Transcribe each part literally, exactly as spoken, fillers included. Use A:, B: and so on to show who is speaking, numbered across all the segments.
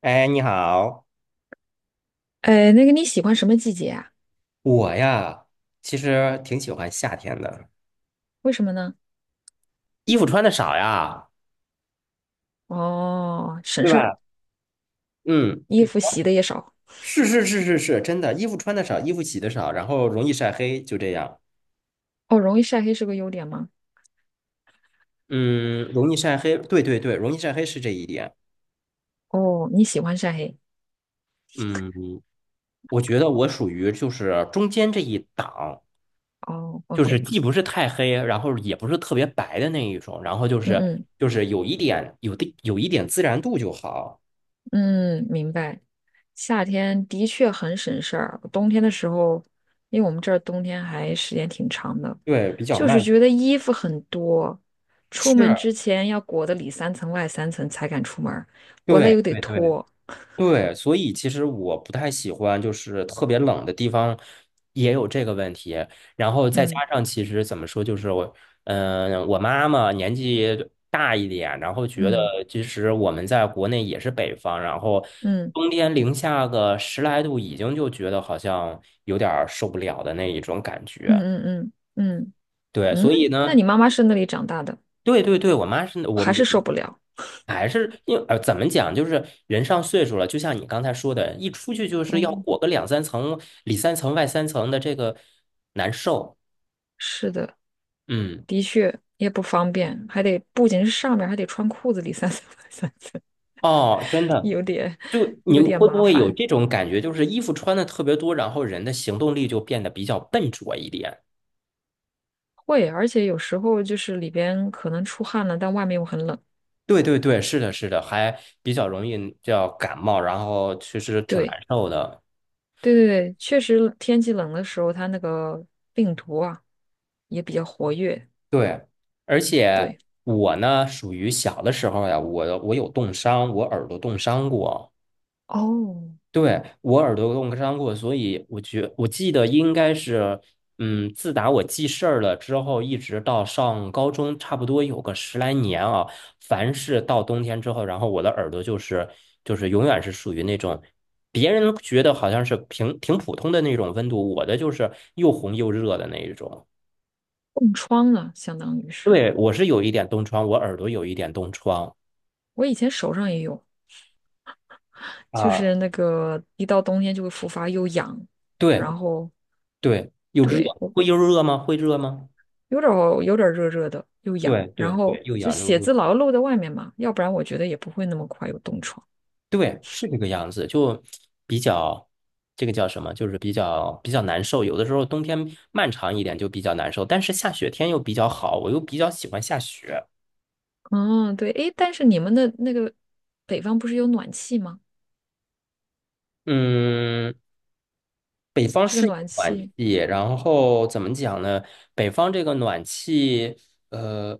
A: 哎，你好，
B: 哎，那个你喜欢什么季节啊？
A: 我呀，其实挺喜欢夏天的，
B: 为什么呢？
A: 衣服穿的少呀，
B: 哦，省
A: 对
B: 事儿，
A: 吧？嗯，
B: 衣服洗的也少。
A: 是是是是是，真的，衣服穿的少，衣服洗的少，然后容易晒黑，就这样。
B: 哦，容易晒黑是个优点吗？
A: 嗯，容易晒黑，对对对，容易晒黑是这一点。
B: 哦，你喜欢晒黑。
A: 嗯，我觉得我属于就是中间这一档，
B: 哦
A: 就是
B: ，OK,
A: 既不是太黑，然后也不是特别白的那一种，然后就
B: 嗯
A: 是
B: 嗯
A: 就是有一点有的有一点自然度就好，
B: 嗯，明白。夏天的确很省事儿，冬天的时候，因为我们这儿冬天还时间挺长的，
A: 对，比较
B: 就是
A: 慢。
B: 觉得衣服很多，出
A: 是，
B: 门之前要裹得里三层外三层才敢出门儿，回来
A: 对
B: 又得
A: 对对
B: 脱。
A: 对，所以其实我不太喜欢，就是特别冷的地方也有这个问题。然后再加上，其实怎么说，就是我，嗯、我妈妈年纪大一点，然后觉得
B: 嗯
A: 其实我们在国内也是北方，然后
B: 嗯
A: 冬天零下个十来度，已经就觉得好像有点儿受不了的那一种感
B: 嗯
A: 觉。
B: 嗯嗯嗯
A: 对，
B: 嗯。嗯嗯，
A: 所以
B: 那
A: 呢，
B: 你妈妈是那里长大的，
A: 对对对，我妈是我。
B: 还是受不了？
A: 还是因为呃，怎么讲，就是人上岁数了，就像你刚才说的，一出去就是
B: 哦，
A: 要裹个两三层、里三层外三层的，这个难受。
B: 是的，
A: 嗯，
B: 的确也不方便，还得不仅是上面还得穿裤子里三三三 三次，
A: 哦，真的，
B: 有点
A: 就你
B: 有点
A: 会不
B: 麻
A: 会有
B: 烦。
A: 这种感觉，就是衣服穿的特别多，然后人的行动力就变得比较笨拙一点？
B: 会，而且有时候就是里边可能出汗了，但外面又很冷。
A: 对对对，是的，是的，还比较容易叫感冒，然后其实挺难
B: 对，
A: 受的。
B: 对对对，确实天气冷的时候，它那个病毒啊也比较活跃。
A: 对，而且
B: 对，
A: 我呢，属于小的时候呀，我我有冻伤，我耳朵冻伤过。
B: 哦，
A: 对，我耳朵冻伤过，所以我觉我记得应该是，嗯，自打我记事儿了之后，一直到上高中，差不多有个十来年啊。凡是到冬天之后，然后我的耳朵就是就是永远是属于那种，别人觉得好像是平挺普通的那种温度，我的就是又红又热的那一种。
B: 冻疮了，相当于是
A: 对，我是有一点冻疮，我耳朵有一点冻疮。
B: 我以前手上也有。就
A: 啊，
B: 是那个一到冬天就会复发，又痒，
A: 对
B: 然后
A: 对，又热，
B: 对我
A: 会又热吗？会热吗？
B: 有点儿有点儿热热的，又痒，
A: 对
B: 然
A: 对
B: 后
A: 对，又
B: 就
A: 痒又
B: 写
A: 热。
B: 字老要露在外面嘛，要不然我觉得也不会那么快有冻疮。
A: 对，是这个样子，就比较这个叫什么，就是比较比较难受。有的时候冬天漫长一点就比较难受，但是下雪天又比较好，我又比较喜欢下雪。
B: 嗯，对，诶，但是你们的那个北方不是有暖气吗？
A: 嗯，北方
B: 这个
A: 是有
B: 暖
A: 暖
B: 气，
A: 气，然后怎么讲呢？北方这个暖气，呃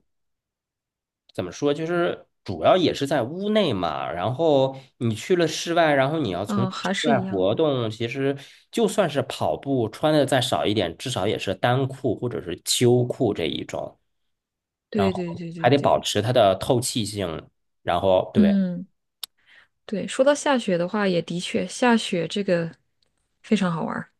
A: 怎么说，就是主要也是在屋内嘛。然后你去了室外，然后你要从事
B: 嗯，
A: 室
B: 还是
A: 外
B: 一样。
A: 活动，其实就算是跑步，穿的再少一点，至少也是单裤或者是秋裤这一种，然
B: 对
A: 后
B: 对对
A: 还
B: 对
A: 得保
B: 对，
A: 持它的透气性。然后对，
B: 嗯，对，说到下雪的话，也的确下雪这个非常好玩儿。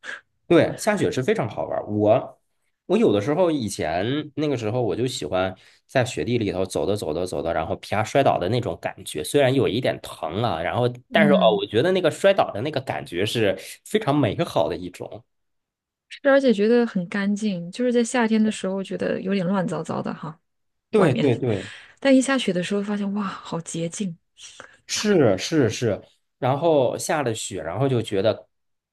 A: 对，下雪是非常好玩儿。我我有的时候以前那个时候我就喜欢在雪地里头走着走着走着，然后啪摔倒的那种感觉，虽然有一点疼啊，然后但是哦，
B: 嗯，
A: 我觉得那个摔倒的那个感觉是非常美好的一种。
B: 是，而且觉得很干净，就是在夏天的时候觉得有点乱糟糟的哈。外
A: 对
B: 面，
A: 对对，
B: 但一下雪的时候发现，哇，好洁净，
A: 是是是。然后下了雪，然后就觉得，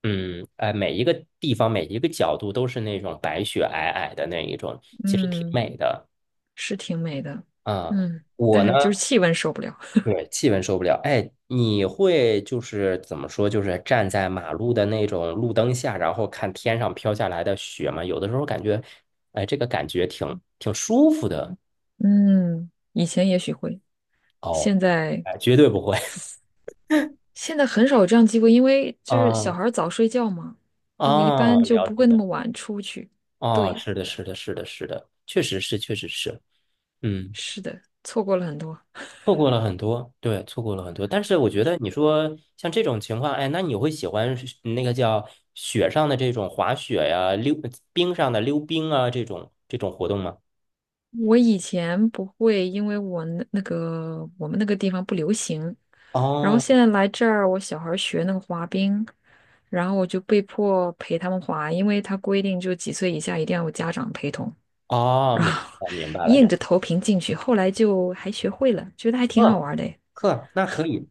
A: 嗯，哎，每一个地方每一个角度都是那种白雪皑皑的那一种，其实挺
B: 嗯，
A: 美的。
B: 是挺美的，
A: 嗯，
B: 嗯，但
A: 我
B: 是就是
A: 呢。
B: 气温受不了，
A: 对，气温受不了。哎，你会就是怎么说，就是站在马路的那种路灯下，然后看天上飘下来的雪吗？有的时候感觉，哎，这个感觉挺挺舒服的
B: 嗯，以前也许会，
A: 哦。
B: 现在
A: 哎，绝对不会。
B: 现在很少有这样机会，因为就是小
A: 嗯
B: 孩儿早睡觉嘛，那我一
A: 啊，
B: 般就
A: 了
B: 不
A: 解
B: 会那
A: 了。
B: 么晚出去，
A: 哦，
B: 对，
A: 是的，是的，是的，是的，确实是，确实是。嗯。
B: 是的，错过了很多，
A: 错过了很多，对，错过了很多。但是我觉得你说像这种情况，哎，那你会喜欢是那个叫雪上的这种滑雪呀、溜冰上的溜冰啊这种这种活动吗？
B: 我以前不会，因为我那那个我们那个地方不流行，然后
A: 哦
B: 现在来这儿，我小孩儿学那个滑冰，然后我就被迫陪他们滑，因为他规定就几岁以下一定要有家长陪同，
A: 哦，
B: 然
A: 明
B: 后
A: 白了 明白了，就
B: 硬着头皮进去，后来就还学会了，觉得还挺好
A: 呵
B: 玩的诶
A: 呵，那可以。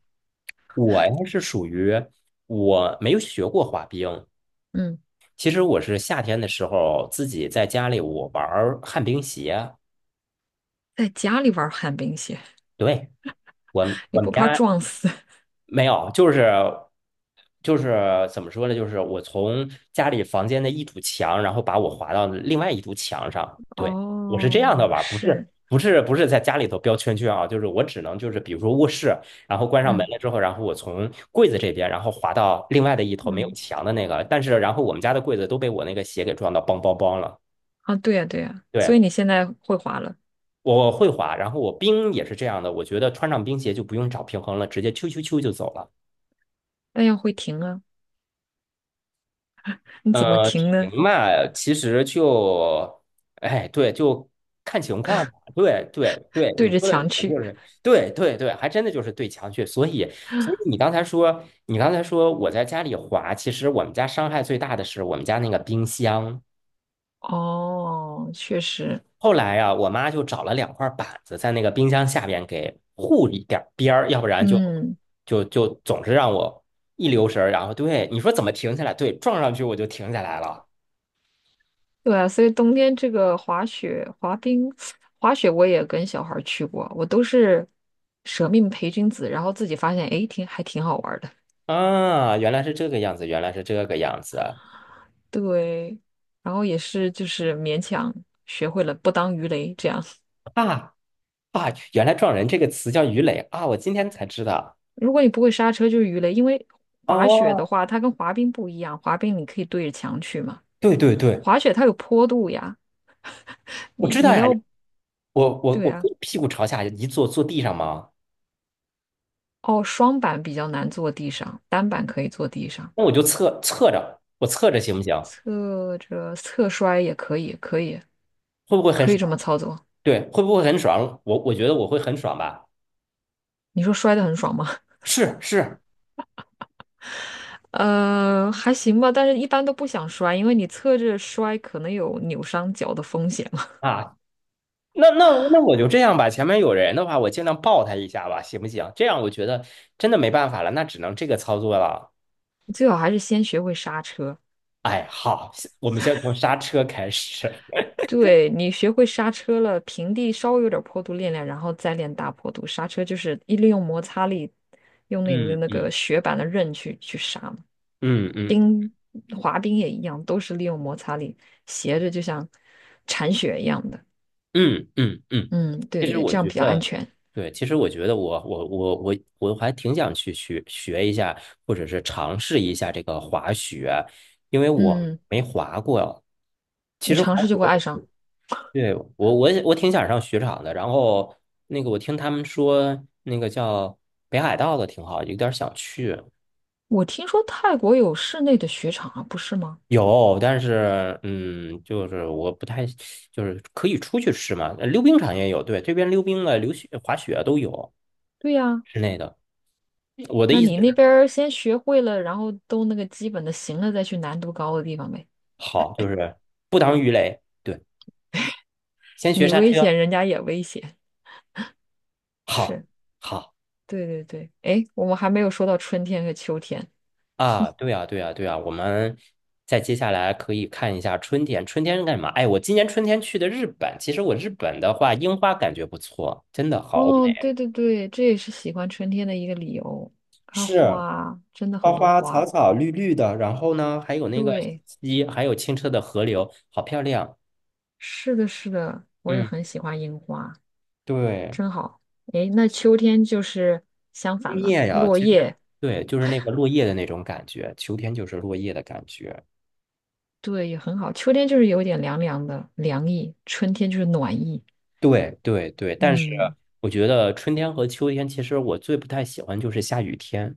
A: 我呀是属于我没有学过滑冰，
B: 嗯，
A: 其实我是夏天的时候自己在家里我玩儿旱冰鞋。
B: 在家里玩旱冰鞋，
A: 对，我们
B: 你
A: 我们
B: 不怕
A: 家。
B: 撞死？
A: 没有，就是就是怎么说呢？就是我从家里房间的一堵墙，然后把我划到另外一堵墙上。对，我是这样的
B: 哦，
A: 玩儿不是
B: 是，
A: 不是不是在家里头标圈圈啊，就是我只能就是比如说卧室，然后关上门
B: 嗯
A: 了之后，然后我从柜子这边，然后滑到另外的一头没有
B: 嗯，
A: 墙的那个，但是然后我们家的柜子都被我那个鞋给撞到梆梆梆了。
B: 啊，对呀对呀，所
A: 对，
B: 以你现在会滑了，
A: 我会滑，然后我冰也是这样的，我觉得穿上冰鞋就不用找平衡了，直接啾啾啾就走了。
B: 但要会停啊，你怎么
A: 呃，
B: 停
A: 停
B: 呢？
A: 嘛，其实就，哎，对，就看情况吧。对对对，
B: 对
A: 你
B: 着
A: 说的
B: 墙
A: 停就
B: 去。
A: 是，对对对，还真的就是对墙去。所以，所以你刚才说，你刚才说我在家里滑，其实我们家伤害最大的是我们家那个冰箱。
B: 哦，确实，
A: 后来啊，我妈就找了两块板子在那个冰箱下边给护一点儿边儿，要不然就
B: 嗯，
A: 就就总是让我一留神儿然后对你说怎么停下来？对，撞上去我就停下来了。
B: 对啊，所以冬天这个滑雪、滑冰、滑雪我也跟小孩儿去过，我都是舍命陪君子，然后自己发现，诶，挺还挺好玩儿的。
A: 啊，原来是这个样子，原来是这个样子啊
B: 对，然后也是就是勉强学会了不当鱼雷这样。
A: 啊！啊原来“撞人”这个词叫鱼雷啊，我今天才知道。
B: 如果你不会刹车就是鱼雷，因为滑雪的
A: 哦，
B: 话，它跟滑冰不一样，滑冰你可以对着墙去嘛，
A: 对对对，
B: 滑雪它有坡度呀，
A: 我
B: 你
A: 知道
B: 你
A: 呀。
B: 要。
A: 我我
B: 对
A: 我
B: 啊，
A: 可以屁股朝下一坐，坐地上吗？
B: 哦，双板比较难坐地上，单板可以坐地上，
A: 那我就侧侧着，我侧着行不行？
B: 侧着侧摔也可以，可以，
A: 会不会很
B: 可以这么
A: 爽？
B: 操作。
A: 对，会不会很爽？我我觉得我会很爽吧。
B: 你说摔得很爽吗？
A: 是是
B: 呃，还行吧，但是一般都不想摔，因为你侧着摔可能有扭伤脚的风险嘛。
A: 啊，那那那我就这样吧。前面有人的话，我尽量抱他一下吧，行不行？这样我觉得真的没办法了，那只能这个操作了。
B: 最好还是先学会刹车。
A: 哎，好，我们先从刹车开始。
B: 对，你学会刹车了，平地稍微有点坡度练练，然后再练大坡度。刹车就是一利用摩擦力，用那个
A: 嗯
B: 那
A: 嗯
B: 个雪板的刃去去刹嘛。
A: 嗯嗯
B: 冰滑冰也一样，都是利用摩擦力，斜着就像铲雪一样的。
A: 嗯嗯嗯，
B: 嗯，对
A: 其
B: 对
A: 实
B: 对，
A: 我
B: 这样
A: 觉
B: 比较安
A: 得，
B: 全。
A: 对，其实我觉得我我我我我还挺想去学学一下，或者是尝试一下这个滑雪，因为我
B: 嗯，
A: 没滑过。其
B: 你
A: 实滑
B: 尝试就
A: 雪
B: 会爱
A: 我
B: 上。
A: 对，我我也我挺想上雪场的。然后那个我听他们说，那个叫北海道的挺好，有点想去。
B: 我听说泰国有室内的雪场啊，不是吗？
A: 有，但是嗯，就是我不太，就是可以出去吃嘛。呃溜冰场也有，对，这边溜冰的、溜雪、滑雪啊都有
B: 对呀，
A: 室内的。我的
B: 那
A: 意思
B: 你那
A: 是，
B: 边儿先学会了，然后都那个基本的行了，再去难度高的地方呗。
A: 好，就是不当鱼雷，对，先学
B: 你
A: 刹
B: 危险，
A: 车，
B: 人家也危险。
A: 好，
B: 是，
A: 好
B: 对对对。哎，我们还没有说到春天和秋天。
A: 啊，对啊，对啊，对啊。我们再接下来可以看一下春天，春天是干嘛？哎，我今年春天去的日本，其实我日本的话，樱花感觉不错，真的好
B: 哦，
A: 美。
B: 对对对，这也是喜欢春天的一个理由。它
A: 是，
B: 花真的很
A: 花
B: 多
A: 花草
B: 花，
A: 草绿绿的，然后呢，还有那个小
B: 对，
A: 溪，还有清澈的河流，好漂亮。
B: 是的，是的，我也
A: 嗯，
B: 很喜欢樱花，
A: 对，
B: 真好。诶，那秋天就是相
A: 枫
B: 反了，
A: 叶呀，
B: 落
A: 其实
B: 叶，
A: 对，就是那个落叶的那种感觉，秋天就是落叶的感觉。
B: 对，也很好。秋天就是有点凉凉的，凉意；春天就是暖意。
A: 对对对，但是
B: 嗯，
A: 我觉得春天和秋天，其实我最不太喜欢就是下雨天，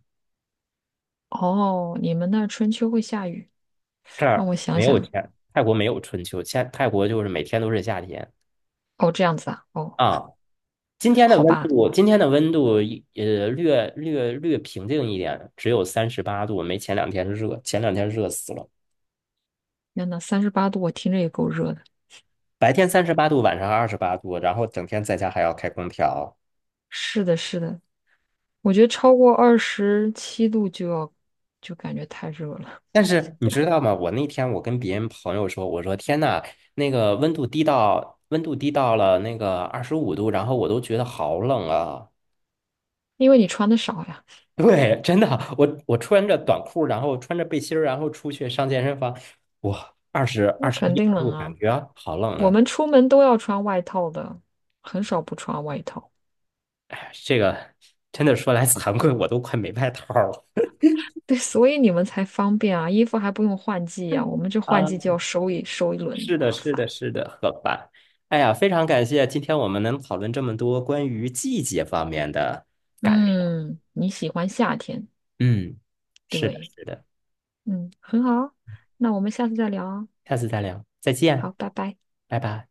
B: 哦，你们那儿春秋会下雨？
A: 这
B: 让
A: 儿
B: 我想
A: 没有
B: 想。
A: 天，泰国没有春秋，现泰国就是每天都是夏天
B: 哦，这样子啊。哦，
A: 啊。今天的
B: 好
A: 温
B: 吧。
A: 度，今天的温度一呃略略略平静一点，只有三十八度，没前两天热，前两天热死了。
B: 天呐，三十八度，我听着也够热的。
A: 白天三十八度，晚上二十八度，然后整天在家还要开空调。
B: 是的，是的，我觉得超过二十七度就要，就感觉太热了，
A: 但是你知道吗？我那天我跟别人朋友说，我说天呐，那个温度低到温度低到了那个二十五度，然后我都觉得好冷啊。
B: 因为你穿的少呀，
A: 对，真的，我我穿着短裤，然后穿着背心儿，然后出去上健身房，哇，二十
B: 那
A: 二十
B: 肯
A: 一
B: 定
A: 二度，
B: 冷
A: 感
B: 啊。
A: 觉好冷
B: 我
A: 啊。
B: 们出门都要穿外套的，很少不穿外套。
A: 这个真的说来惭愧，我都快没外套了。
B: 对，所以你们才方便啊，衣服还不用换季呀、我们这换
A: 啊，
B: 季就要收一收一轮，
A: 是的，
B: 麻
A: 是的，
B: 烦。
A: 是的，好吧。哎呀，非常感谢今天我们能讨论这么多关于季节方面的感受。
B: 嗯，你喜欢夏天，
A: 嗯，是的，
B: 对，
A: 是的，
B: 嗯，很好啊，那我们下次再聊啊。
A: 下次再聊，再
B: 好，
A: 见，
B: 拜拜。
A: 拜拜。